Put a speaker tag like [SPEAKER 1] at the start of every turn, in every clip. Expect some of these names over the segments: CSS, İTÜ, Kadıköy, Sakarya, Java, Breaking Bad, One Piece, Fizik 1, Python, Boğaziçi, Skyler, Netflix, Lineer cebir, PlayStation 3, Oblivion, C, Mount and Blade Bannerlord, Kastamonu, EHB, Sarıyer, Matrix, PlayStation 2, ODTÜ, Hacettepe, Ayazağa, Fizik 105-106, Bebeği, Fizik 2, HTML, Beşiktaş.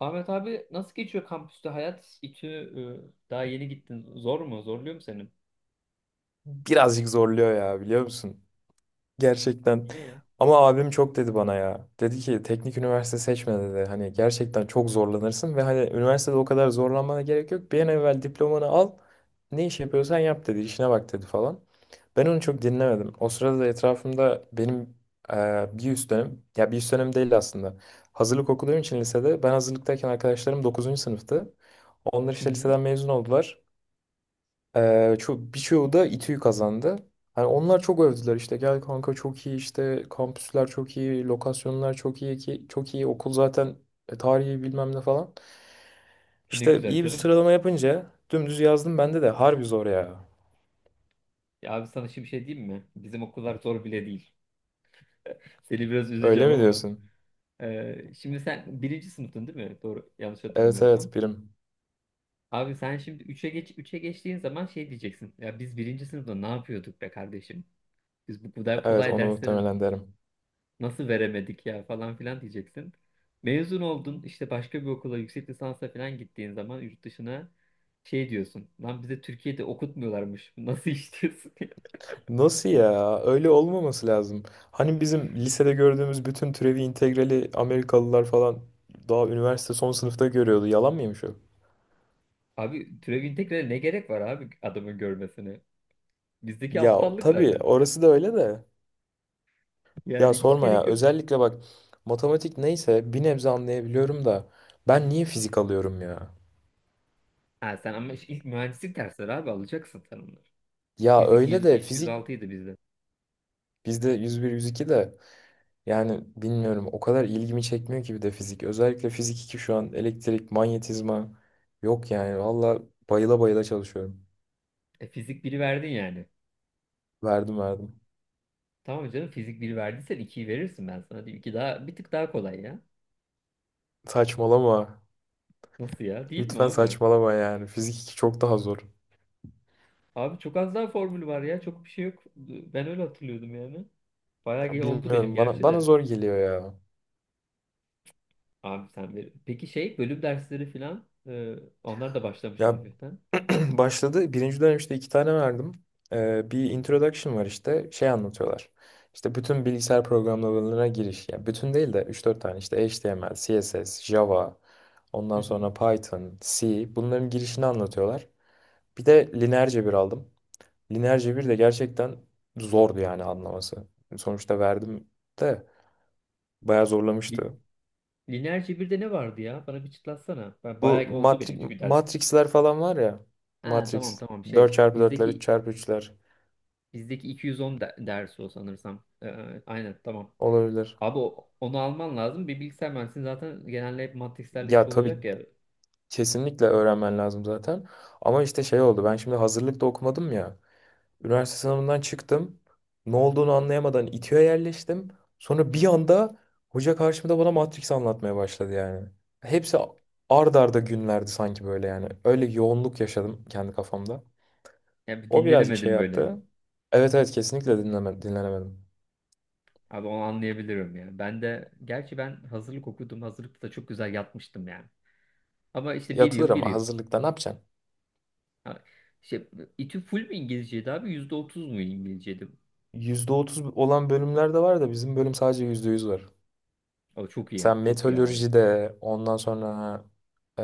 [SPEAKER 1] Ahmet abi, nasıl geçiyor kampüste hayat? İTÜ. Daha yeni gittin. Zor mu? Zorluyor mu seni?
[SPEAKER 2] Birazcık zorluyor ya biliyor musun? Gerçekten.
[SPEAKER 1] İyi.
[SPEAKER 2] Ama abim çok dedi bana ya. Dedi ki teknik üniversite seçme dedi. Hani gerçekten çok zorlanırsın ve hani üniversitede o kadar zorlanmana gerek yok. Bir an evvel diplomanı al. Ne iş yapıyorsan yap dedi. İşine bak dedi falan. Ben onu çok dinlemedim. O sırada da etrafımda benim bir üst dönem, ya bir üst dönem değil aslında. Hazırlık okuduğum için lisede ben hazırlıktayken arkadaşlarım dokuzuncu sınıftı. Onlar
[SPEAKER 1] Hı
[SPEAKER 2] işte
[SPEAKER 1] hı.
[SPEAKER 2] liseden mezun oldular. Çok birçoğu da İTÜ'yü kazandı. Hani onlar çok övdüler işte gel kanka çok iyi işte kampüsler çok iyi, lokasyonlar çok iyi ki çok iyi okul zaten tarihi bilmem ne falan.
[SPEAKER 1] E ne
[SPEAKER 2] İşte
[SPEAKER 1] güzel
[SPEAKER 2] iyi bir
[SPEAKER 1] canım.
[SPEAKER 2] sıralama yapınca dümdüz yazdım bende de harbi zor ya.
[SPEAKER 1] Ya abi, sana şimdi bir şey diyeyim mi? Bizim okullar zor bile değil. Seni biraz
[SPEAKER 2] Öyle
[SPEAKER 1] üzeceğim
[SPEAKER 2] mi
[SPEAKER 1] ama.
[SPEAKER 2] diyorsun?
[SPEAKER 1] Şimdi sen birinci sınıftın değil mi? Doğru. Yanlış
[SPEAKER 2] Evet
[SPEAKER 1] hatırlamıyorsam.
[SPEAKER 2] evet birim.
[SPEAKER 1] Abi sen şimdi üçe geç, üçe geçtiğin zaman şey diyeceksin. Ya biz birinci sınıfta ne yapıyorduk be kardeşim? Biz bu kadar
[SPEAKER 2] Evet
[SPEAKER 1] kolay
[SPEAKER 2] onu
[SPEAKER 1] dersleri
[SPEAKER 2] muhtemelen derim.
[SPEAKER 1] nasıl veremedik ya falan filan diyeceksin. Mezun oldun, işte başka bir okula yüksek lisansa falan gittiğin zaman yurt dışına şey diyorsun. Lan bize Türkiye'de okutmuyorlarmış. Nasıl iş diyorsun ya?
[SPEAKER 2] Nasıl ya? Öyle olmaması lazım. Hani bizim lisede gördüğümüz bütün türevi integrali Amerikalılar falan daha üniversite son sınıfta görüyordu. Yalan mıymış o?
[SPEAKER 1] Abi türevin integrale ne gerek var abi adamın görmesine? Bizdeki
[SPEAKER 2] Ya
[SPEAKER 1] aptallık
[SPEAKER 2] tabii
[SPEAKER 1] zaten.
[SPEAKER 2] orası da öyle de. Ya
[SPEAKER 1] Yani hiç
[SPEAKER 2] sorma ya.
[SPEAKER 1] gerek yok.
[SPEAKER 2] Özellikle bak matematik neyse bir nebze anlayabiliyorum da ben niye fizik alıyorum ya?
[SPEAKER 1] Ha sen ama işte ilk mühendislik dersleri abi, alacaksın sen onları.
[SPEAKER 2] Ya
[SPEAKER 1] Fizik
[SPEAKER 2] öyle de fizik
[SPEAKER 1] 105-106 idi bizde.
[SPEAKER 2] bizde 101-102 de yani bilmiyorum o kadar ilgimi çekmiyor ki bir de fizik. Özellikle fizik 2 şu an elektrik, manyetizma yok yani valla bayıla bayıla çalışıyorum.
[SPEAKER 1] E, fizik 1'i verdin yani.
[SPEAKER 2] Verdim verdim.
[SPEAKER 1] Tamam canım, fizik 1 verdiysen 2'yi verirsin, ben sana diyeyim. 2 daha bir tık daha kolay ya.
[SPEAKER 2] Saçmalama.
[SPEAKER 1] Nasıl ya? Değil mi
[SPEAKER 2] Lütfen
[SPEAKER 1] abi?
[SPEAKER 2] saçmalama yani. Fizik 2 çok daha zor.
[SPEAKER 1] Abi çok az daha formül var ya. Çok bir şey yok. Ben öyle hatırlıyordum yani.
[SPEAKER 2] Ya
[SPEAKER 1] Oldu benim
[SPEAKER 2] bilmiyorum bana
[SPEAKER 1] gerçi
[SPEAKER 2] bana
[SPEAKER 1] de.
[SPEAKER 2] zor geliyor ya.
[SPEAKER 1] Abi sen ver. Peki şey, bölüm dersleri falan onlar da başlamıştır
[SPEAKER 2] Ya
[SPEAKER 1] hafiften.
[SPEAKER 2] başladı. Birinci dönem işte iki tane verdim. Bir introduction var işte. Şey anlatıyorlar. İşte bütün bilgisayar programlamalarına giriş. Yani bütün değil de üç dört tane işte HTML, CSS, Java,
[SPEAKER 1] Hı
[SPEAKER 2] ondan
[SPEAKER 1] hı.
[SPEAKER 2] sonra Python, C. Bunların girişini anlatıyorlar. Bir de lineer cebir aldım. Lineer cebir de gerçekten zordu yani anlaması. Sonuçta verdim de bayağı
[SPEAKER 1] Li-
[SPEAKER 2] zorlamıştı.
[SPEAKER 1] Lineer cebirde ne vardı ya? Bana bir çıtlatsana. Ben
[SPEAKER 2] Bu
[SPEAKER 1] bayağı oldu
[SPEAKER 2] matri
[SPEAKER 1] benim çünkü ders.
[SPEAKER 2] Matrix'ler falan var ya.
[SPEAKER 1] Ha tamam
[SPEAKER 2] Matrix
[SPEAKER 1] tamam
[SPEAKER 2] dört
[SPEAKER 1] şey.
[SPEAKER 2] çarpı dörtler, üç
[SPEAKER 1] Bizdeki
[SPEAKER 2] çarpı üçler
[SPEAKER 1] bizdeki dersi o sanırsam. E, aynen tamam.
[SPEAKER 2] olabilir.
[SPEAKER 1] Abi onu alman lazım. Bir bilgisayar mühendisliği zaten genelde hep matrixlerle iş
[SPEAKER 2] Ya tabii
[SPEAKER 1] olacak ya.
[SPEAKER 2] kesinlikle öğrenmen lazım zaten. Ama işte şey oldu. Ben şimdi hazırlıkta okumadım ya. Üniversite sınavından çıktım. Ne olduğunu anlayamadan İTÜ'ye yerleştim. Sonra bir anda hoca karşımda bana Matrix anlatmaya başladı yani. Hepsi ard arda günlerdi sanki böyle yani. Öyle yoğunluk yaşadım kendi kafamda.
[SPEAKER 1] Ya bir
[SPEAKER 2] O birazcık şey
[SPEAKER 1] dinlenemedim böyle.
[SPEAKER 2] yaptı. Evet evet kesinlikle dinlenemedim.
[SPEAKER 1] Abi onu anlayabilirim ya. Ben de, gerçi ben hazırlık okudum. Hazırlıkta da çok güzel yatmıştım yani. Ama işte bir
[SPEAKER 2] Yatılır
[SPEAKER 1] yıl bir
[SPEAKER 2] ama
[SPEAKER 1] yıl.
[SPEAKER 2] hazırlıkta ne yapacaksın?
[SPEAKER 1] Ha, İşte İTÜ full mü İngilizceydi abi? Yüzde otuz mu İngilizceydi?
[SPEAKER 2] %30 olan bölümler de var da bizim bölüm sadece %100 var.
[SPEAKER 1] O çok iyi.
[SPEAKER 2] Sen
[SPEAKER 1] Çok iyi abi.
[SPEAKER 2] meteorolojide, ondan sonra e,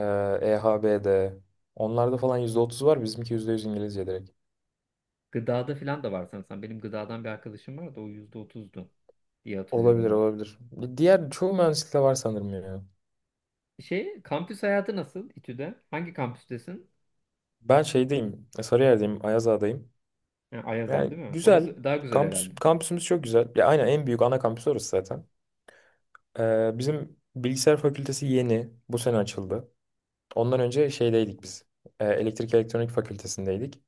[SPEAKER 2] EHB'de, onlarda falan %30 var. Bizimki %100 İngilizce direkt.
[SPEAKER 1] Gıdada falan da var sanırsam. Benim gıdadan bir arkadaşım vardı. O yüzde otuzdu diye hatırlıyorum
[SPEAKER 2] Olabilir,
[SPEAKER 1] ben.
[SPEAKER 2] olabilir. Diğer çoğu mühendislikte var sanırım ya.
[SPEAKER 1] Şey, kampüs hayatı nasıl İTÜ'de? Hangi kampüstesin?
[SPEAKER 2] Ben şeydeyim, Sarıyer'deyim, Ayazağa'dayım.
[SPEAKER 1] Ha, Ayaza
[SPEAKER 2] Yani
[SPEAKER 1] değil mi?
[SPEAKER 2] güzel.
[SPEAKER 1] Orası daha güzel herhalde.
[SPEAKER 2] Kampüsümüz çok güzel. Ya aynen en büyük ana kampüs orası zaten. Bizim bilgisayar fakültesi yeni. Bu sene açıldı. Ondan önce şeydeydik biz. Elektrik elektronik fakültesindeydik.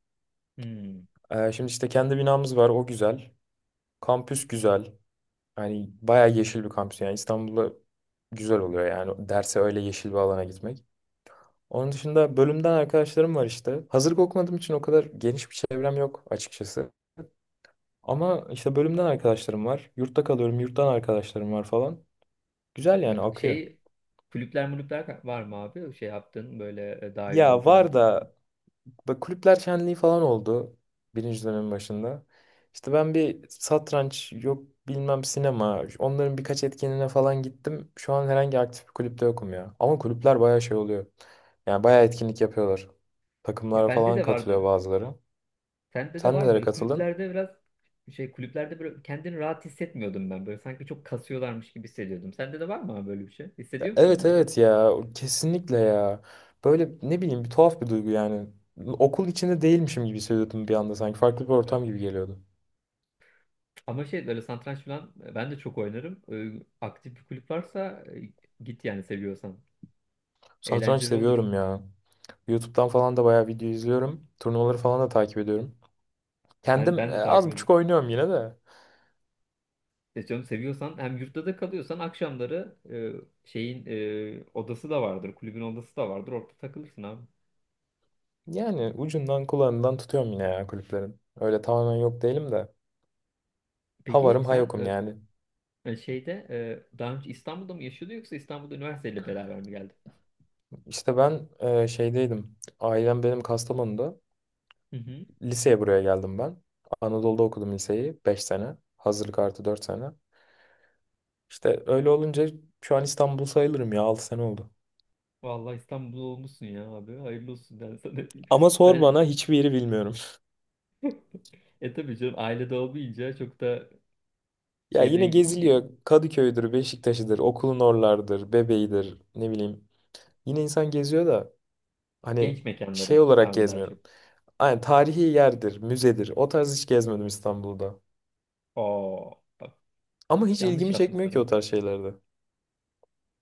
[SPEAKER 1] Hmm.
[SPEAKER 2] Şimdi işte kendi binamız var, o güzel. Kampüs güzel. Hani bayağı yeşil bir kampüs yani İstanbul'da güzel oluyor yani derse öyle yeşil bir alana gitmek. Onun dışında bölümden arkadaşlarım var işte. Hazırlık okumadığım için o kadar geniş bir çevrem yok açıkçası. Ama işte bölümden arkadaşlarım var. Yurtta kalıyorum, yurttan arkadaşlarım var falan. Güzel
[SPEAKER 1] E
[SPEAKER 2] yani akıyor.
[SPEAKER 1] şey, kulüpler mulüpler var mı abi? Şey yaptığın böyle dahil
[SPEAKER 2] Ya var
[SPEAKER 1] olduğun.
[SPEAKER 2] da böyle kulüpler şenliği falan oldu birinci dönemin başında. İşte ben bir satranç yok bilmem sinema onların birkaç etkinliğine falan gittim. Şu an herhangi aktif bir kulüpte yokum ya. Ama kulüpler bayağı şey oluyor. Yani bayağı etkinlik yapıyorlar.
[SPEAKER 1] Ya
[SPEAKER 2] Takımlara
[SPEAKER 1] bende
[SPEAKER 2] falan
[SPEAKER 1] de
[SPEAKER 2] katılıyor
[SPEAKER 1] vardı.
[SPEAKER 2] bazıları.
[SPEAKER 1] Sende de
[SPEAKER 2] Sen
[SPEAKER 1] var mı?
[SPEAKER 2] nelere
[SPEAKER 1] Böyle
[SPEAKER 2] katıldın?
[SPEAKER 1] kulüplerde biraz şey, kulüplerde böyle kendini rahat hissetmiyordum ben. Böyle sanki çok kasıyorlarmış gibi hissediyordum. Sende de var mı abi böyle bir şey?
[SPEAKER 2] Ya
[SPEAKER 1] Hissediyor musun
[SPEAKER 2] evet
[SPEAKER 1] sen de?
[SPEAKER 2] evet ya kesinlikle ya. Böyle ne bileyim bir tuhaf bir duygu yani. Okul içinde değilmişim gibi hissediyordum bir anda sanki. Farklı bir ortam gibi geliyordu.
[SPEAKER 1] Ama şey, böyle satranç falan, ben de çok oynarım. E, aktif bir kulüp varsa git yani, seviyorsan.
[SPEAKER 2] Satranç
[SPEAKER 1] Eğlenceli olur.
[SPEAKER 2] seviyorum ya. YouTube'dan falan da bayağı video izliyorum. Turnuvaları falan da takip ediyorum.
[SPEAKER 1] Ben
[SPEAKER 2] Kendim
[SPEAKER 1] ben de takip
[SPEAKER 2] az buçuk
[SPEAKER 1] ederim.
[SPEAKER 2] oynuyorum yine de.
[SPEAKER 1] E canım, seviyorsan, hem yurtta da kalıyorsan akşamları, şeyin, odası da vardır. Kulübün odası da vardır. Orada takılırsın abi.
[SPEAKER 2] Yani ucundan kulağından tutuyorum yine ya kulüplerin. Öyle tamamen yok değilim de. Ha
[SPEAKER 1] Peki
[SPEAKER 2] varım ha
[SPEAKER 1] sen
[SPEAKER 2] yokum yani.
[SPEAKER 1] e şeyde, daha önce İstanbul'da mı yaşıyordu, yoksa İstanbul'da üniversiteyle beraber mi geldi?
[SPEAKER 2] İşte ben şeydeydim. Ailem benim Kastamonu'da.
[SPEAKER 1] Hı hı.
[SPEAKER 2] Liseye buraya geldim ben. Anadolu'da okudum liseyi 5 sene. Hazırlık artı 4 sene. İşte öyle olunca şu an İstanbul sayılırım ya 6 sene oldu.
[SPEAKER 1] Vallahi İstanbul'da olmuşsun ya abi. Hayırlı olsun ben sana.
[SPEAKER 2] Ama sor
[SPEAKER 1] Ben,
[SPEAKER 2] bana
[SPEAKER 1] ben-
[SPEAKER 2] hiçbir yeri bilmiyorum.
[SPEAKER 1] E tabii canım, ailede olmayınca çok da
[SPEAKER 2] Ya yine
[SPEAKER 1] çevreyi ge- ge-
[SPEAKER 2] geziliyor. Kadıköy'dür, Beşiktaş'ıdır, okulun oralardır, Bebeği'dir, ne bileyim. Yine insan geziyor da hani
[SPEAKER 1] genç
[SPEAKER 2] şey
[SPEAKER 1] mekanları
[SPEAKER 2] olarak
[SPEAKER 1] abi daha çok.
[SPEAKER 2] gezmiyorum. Aynen tarihi yerdir, müzedir. O tarz hiç gezmedim İstanbul'da.
[SPEAKER 1] Oo bak,
[SPEAKER 2] Ama hiç
[SPEAKER 1] yanlış
[SPEAKER 2] ilgimi çekmiyor
[SPEAKER 1] yapmışsın
[SPEAKER 2] ki
[SPEAKER 1] abi.
[SPEAKER 2] o tarz şeylerde.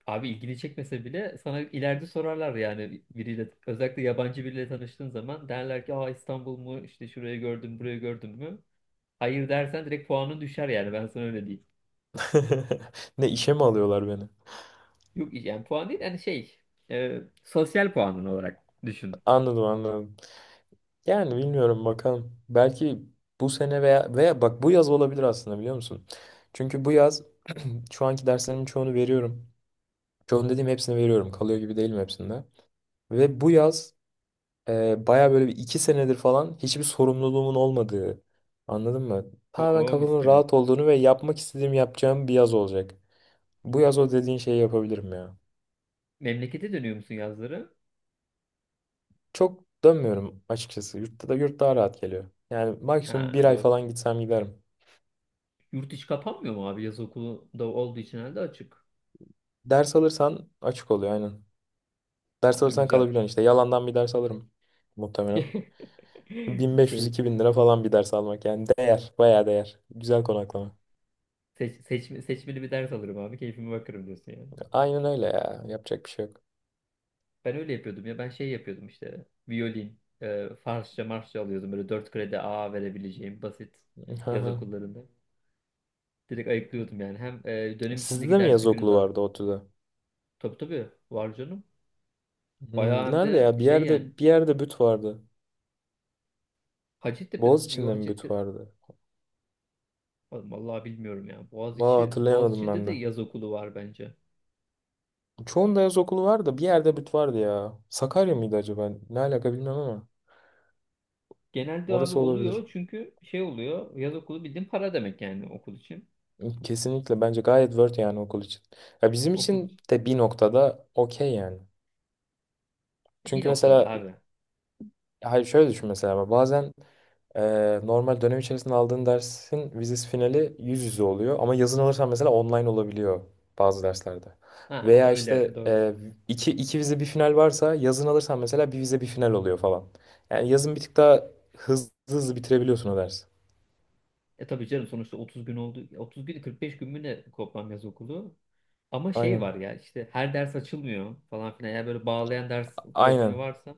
[SPEAKER 1] Abi, ilgini çekmese bile sana ileride sorarlar yani, biriyle özellikle yabancı biriyle tanıştığın zaman derler ki, aa İstanbul mu, işte şurayı gördüm burayı gördün mü? Hayır dersen direkt puanın düşer yani, ben sana öyle diyeyim.
[SPEAKER 2] Ne işe mi alıyorlar beni?
[SPEAKER 1] Yok yani puan değil, yani şey, sosyal puanın olarak düşün.
[SPEAKER 2] Anladım anladım. Yani bilmiyorum bakalım. Belki bu sene veya bak bu yaz olabilir aslında biliyor musun? Çünkü bu yaz şu anki derslerimin çoğunu veriyorum. Çoğunu dediğim hepsini veriyorum. Kalıyor gibi değilim hepsinde. Ve bu yaz baya böyle bir iki senedir falan hiçbir sorumluluğumun olmadığı. Anladın mı? Tamamen
[SPEAKER 1] Oo mis
[SPEAKER 2] kafamın
[SPEAKER 1] gibi.
[SPEAKER 2] rahat olduğunu ve yapmak istediğim yapacağım bir yaz olacak. Bu yaz o dediğin şeyi yapabilirim ya.
[SPEAKER 1] Memlekete dönüyor musun yazları?
[SPEAKER 2] Çok dönmüyorum açıkçası. Yurtta da yurt daha rahat geliyor. Yani maksimum
[SPEAKER 1] Ha
[SPEAKER 2] bir ay
[SPEAKER 1] doğru.
[SPEAKER 2] falan gitsem giderim.
[SPEAKER 1] Yurt içi kapanmıyor mu abi? Yaz okulu da olduğu için herhalde açık.
[SPEAKER 2] Ders alırsan açık oluyor aynen. Ders
[SPEAKER 1] Ha,
[SPEAKER 2] alırsan
[SPEAKER 1] güzel.
[SPEAKER 2] kalabiliyorsun işte. Yalandan bir ders alırım muhtemelen.
[SPEAKER 1] Şey,
[SPEAKER 2] 1500-2000 lira falan bir ders almak yani değer. Bayağı değer. Güzel konaklama.
[SPEAKER 1] seçmeli bir ders alırım abi, keyfime bakarım diyorsun yani.
[SPEAKER 2] Aynen öyle ya. Yapacak bir şey yok.
[SPEAKER 1] Ben öyle yapıyordum ya, ben şey yapıyordum işte, violin, Farsça, Marsça alıyordum, böyle 4 kredi A verebileceğim basit
[SPEAKER 2] Hı
[SPEAKER 1] yaz
[SPEAKER 2] hı.
[SPEAKER 1] okullarında. Direkt ayıklıyordum yani, hem dönem
[SPEAKER 2] Sizde
[SPEAKER 1] içindeki
[SPEAKER 2] de mi
[SPEAKER 1] ders
[SPEAKER 2] yaz
[SPEAKER 1] yükünü
[SPEAKER 2] okulu
[SPEAKER 1] de.
[SPEAKER 2] vardı ODTÜ'de?
[SPEAKER 1] Tabii tabii, var canım.
[SPEAKER 2] Hmm,
[SPEAKER 1] Bayağı, hem
[SPEAKER 2] nerede
[SPEAKER 1] de
[SPEAKER 2] ya? Bir
[SPEAKER 1] şey yani,
[SPEAKER 2] yerde bir yerde büt vardı. Boğaziçi'nde mi büt
[SPEAKER 1] Hacettepe,
[SPEAKER 2] vardı?
[SPEAKER 1] vallahi bilmiyorum ya.
[SPEAKER 2] Valla hatırlayamadım
[SPEAKER 1] Boğaziçi'nde
[SPEAKER 2] ben
[SPEAKER 1] de
[SPEAKER 2] de.
[SPEAKER 1] yaz okulu var bence.
[SPEAKER 2] Çoğunda yaz okulu vardı. Bir yerde büt vardı ya. Sakarya mıydı acaba? Ne alaka bilmem ama.
[SPEAKER 1] Genelde abi
[SPEAKER 2] Orası olabilir.
[SPEAKER 1] oluyor, çünkü şey oluyor. Yaz okulu bildiğin para demek yani okul için.
[SPEAKER 2] Kesinlikle bence gayet worth yani okul için. Ya bizim
[SPEAKER 1] Okul,
[SPEAKER 2] için de bir noktada okey yani.
[SPEAKER 1] Bir
[SPEAKER 2] Çünkü
[SPEAKER 1] noktada
[SPEAKER 2] mesela
[SPEAKER 1] abi.
[SPEAKER 2] hayır şöyle düşün mesela bazen normal dönem içerisinde aldığın dersin vizesi finali yüz yüze oluyor ama yazın alırsan mesela online olabiliyor bazı derslerde.
[SPEAKER 1] Ha
[SPEAKER 2] Veya işte
[SPEAKER 1] öyle, doğru.
[SPEAKER 2] iki vize bir final varsa yazın alırsan mesela bir vize bir final oluyor falan. Yani yazın bir tık daha hızlı hızlı bitirebiliyorsun o dersi.
[SPEAKER 1] E tabii canım, sonuçta 30 gün oldu. 30 gün, 45 gün mü ne toplam yaz okulu? Ama şey var
[SPEAKER 2] Aynen.
[SPEAKER 1] ya, işte her ders açılmıyor falan filan. Eğer böyle bağlayan ders problemi
[SPEAKER 2] Aynen.
[SPEAKER 1] varsa.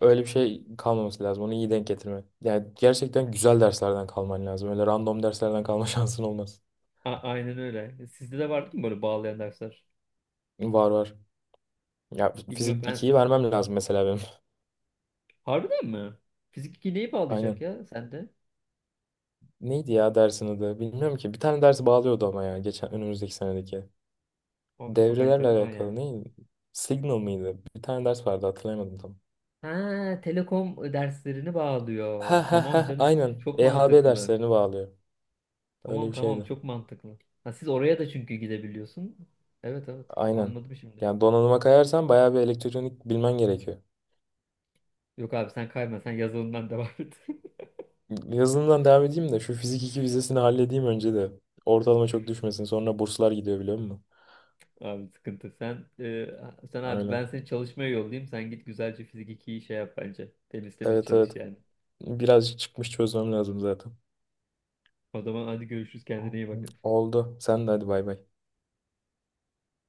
[SPEAKER 2] Öyle bir şey kalmaması lazım. Onu iyi denk getirme. Yani gerçekten güzel derslerden kalman lazım. Öyle random derslerden kalma şansın olmaz.
[SPEAKER 1] A- aynen öyle. E, sizde de vardı mı böyle bağlayan dersler?
[SPEAKER 2] Var var. Ya
[SPEAKER 1] Bilmiyorum
[SPEAKER 2] fizik
[SPEAKER 1] ben.
[SPEAKER 2] ikiyi vermem lazım mesela benim.
[SPEAKER 1] Harbiden mi? Fizik 2 neyi bağlayacak
[SPEAKER 2] Aynen.
[SPEAKER 1] ya sende?
[SPEAKER 2] Neydi ya dersin adı? Bilmiyorum ki. Bir tane dersi bağlıyordu ama ya. Geçen önümüzdeki senedeki.
[SPEAKER 1] Abi çok
[SPEAKER 2] Devrelerle
[SPEAKER 1] enteresan ya.
[SPEAKER 2] alakalı neydi? Signal mıydı? Bir tane ders vardı hatırlayamadım tam.
[SPEAKER 1] Ha, telekom derslerini
[SPEAKER 2] Ha
[SPEAKER 1] bağlıyor.
[SPEAKER 2] ha ha
[SPEAKER 1] Tamam canım.
[SPEAKER 2] aynen.
[SPEAKER 1] Çok
[SPEAKER 2] EHB
[SPEAKER 1] mantıklı.
[SPEAKER 2] derslerini bağlıyor. Öyle
[SPEAKER 1] Tamam
[SPEAKER 2] bir
[SPEAKER 1] tamam,
[SPEAKER 2] şeydi.
[SPEAKER 1] çok mantıklı. Ha, siz oraya da çünkü gidebiliyorsun. Evet evet,
[SPEAKER 2] Aynen.
[SPEAKER 1] anladım şimdi.
[SPEAKER 2] Yani donanıma kayarsan bayağı bir elektronik bilmen gerekiyor.
[SPEAKER 1] Yok abi sen kayma, sen yazılımdan devam et.
[SPEAKER 2] Yazılımdan devam edeyim de şu fizik 2 vizesini halledeyim önce de. Ortalama çok düşmesin. Sonra burslar gidiyor biliyor musun?
[SPEAKER 1] Abi sıkıntı. Sen abi,
[SPEAKER 2] Öyle.
[SPEAKER 1] ben seni çalışmaya yollayayım. Sen git güzelce fizik 2'yi şey yap bence. Temiz temiz
[SPEAKER 2] Evet
[SPEAKER 1] çalış
[SPEAKER 2] evet.
[SPEAKER 1] yani.
[SPEAKER 2] Birazcık çıkmış çözmem lazım zaten.
[SPEAKER 1] O zaman hadi görüşürüz, kendine iyi bak.
[SPEAKER 2] Oldu. Sen de hadi bay bay.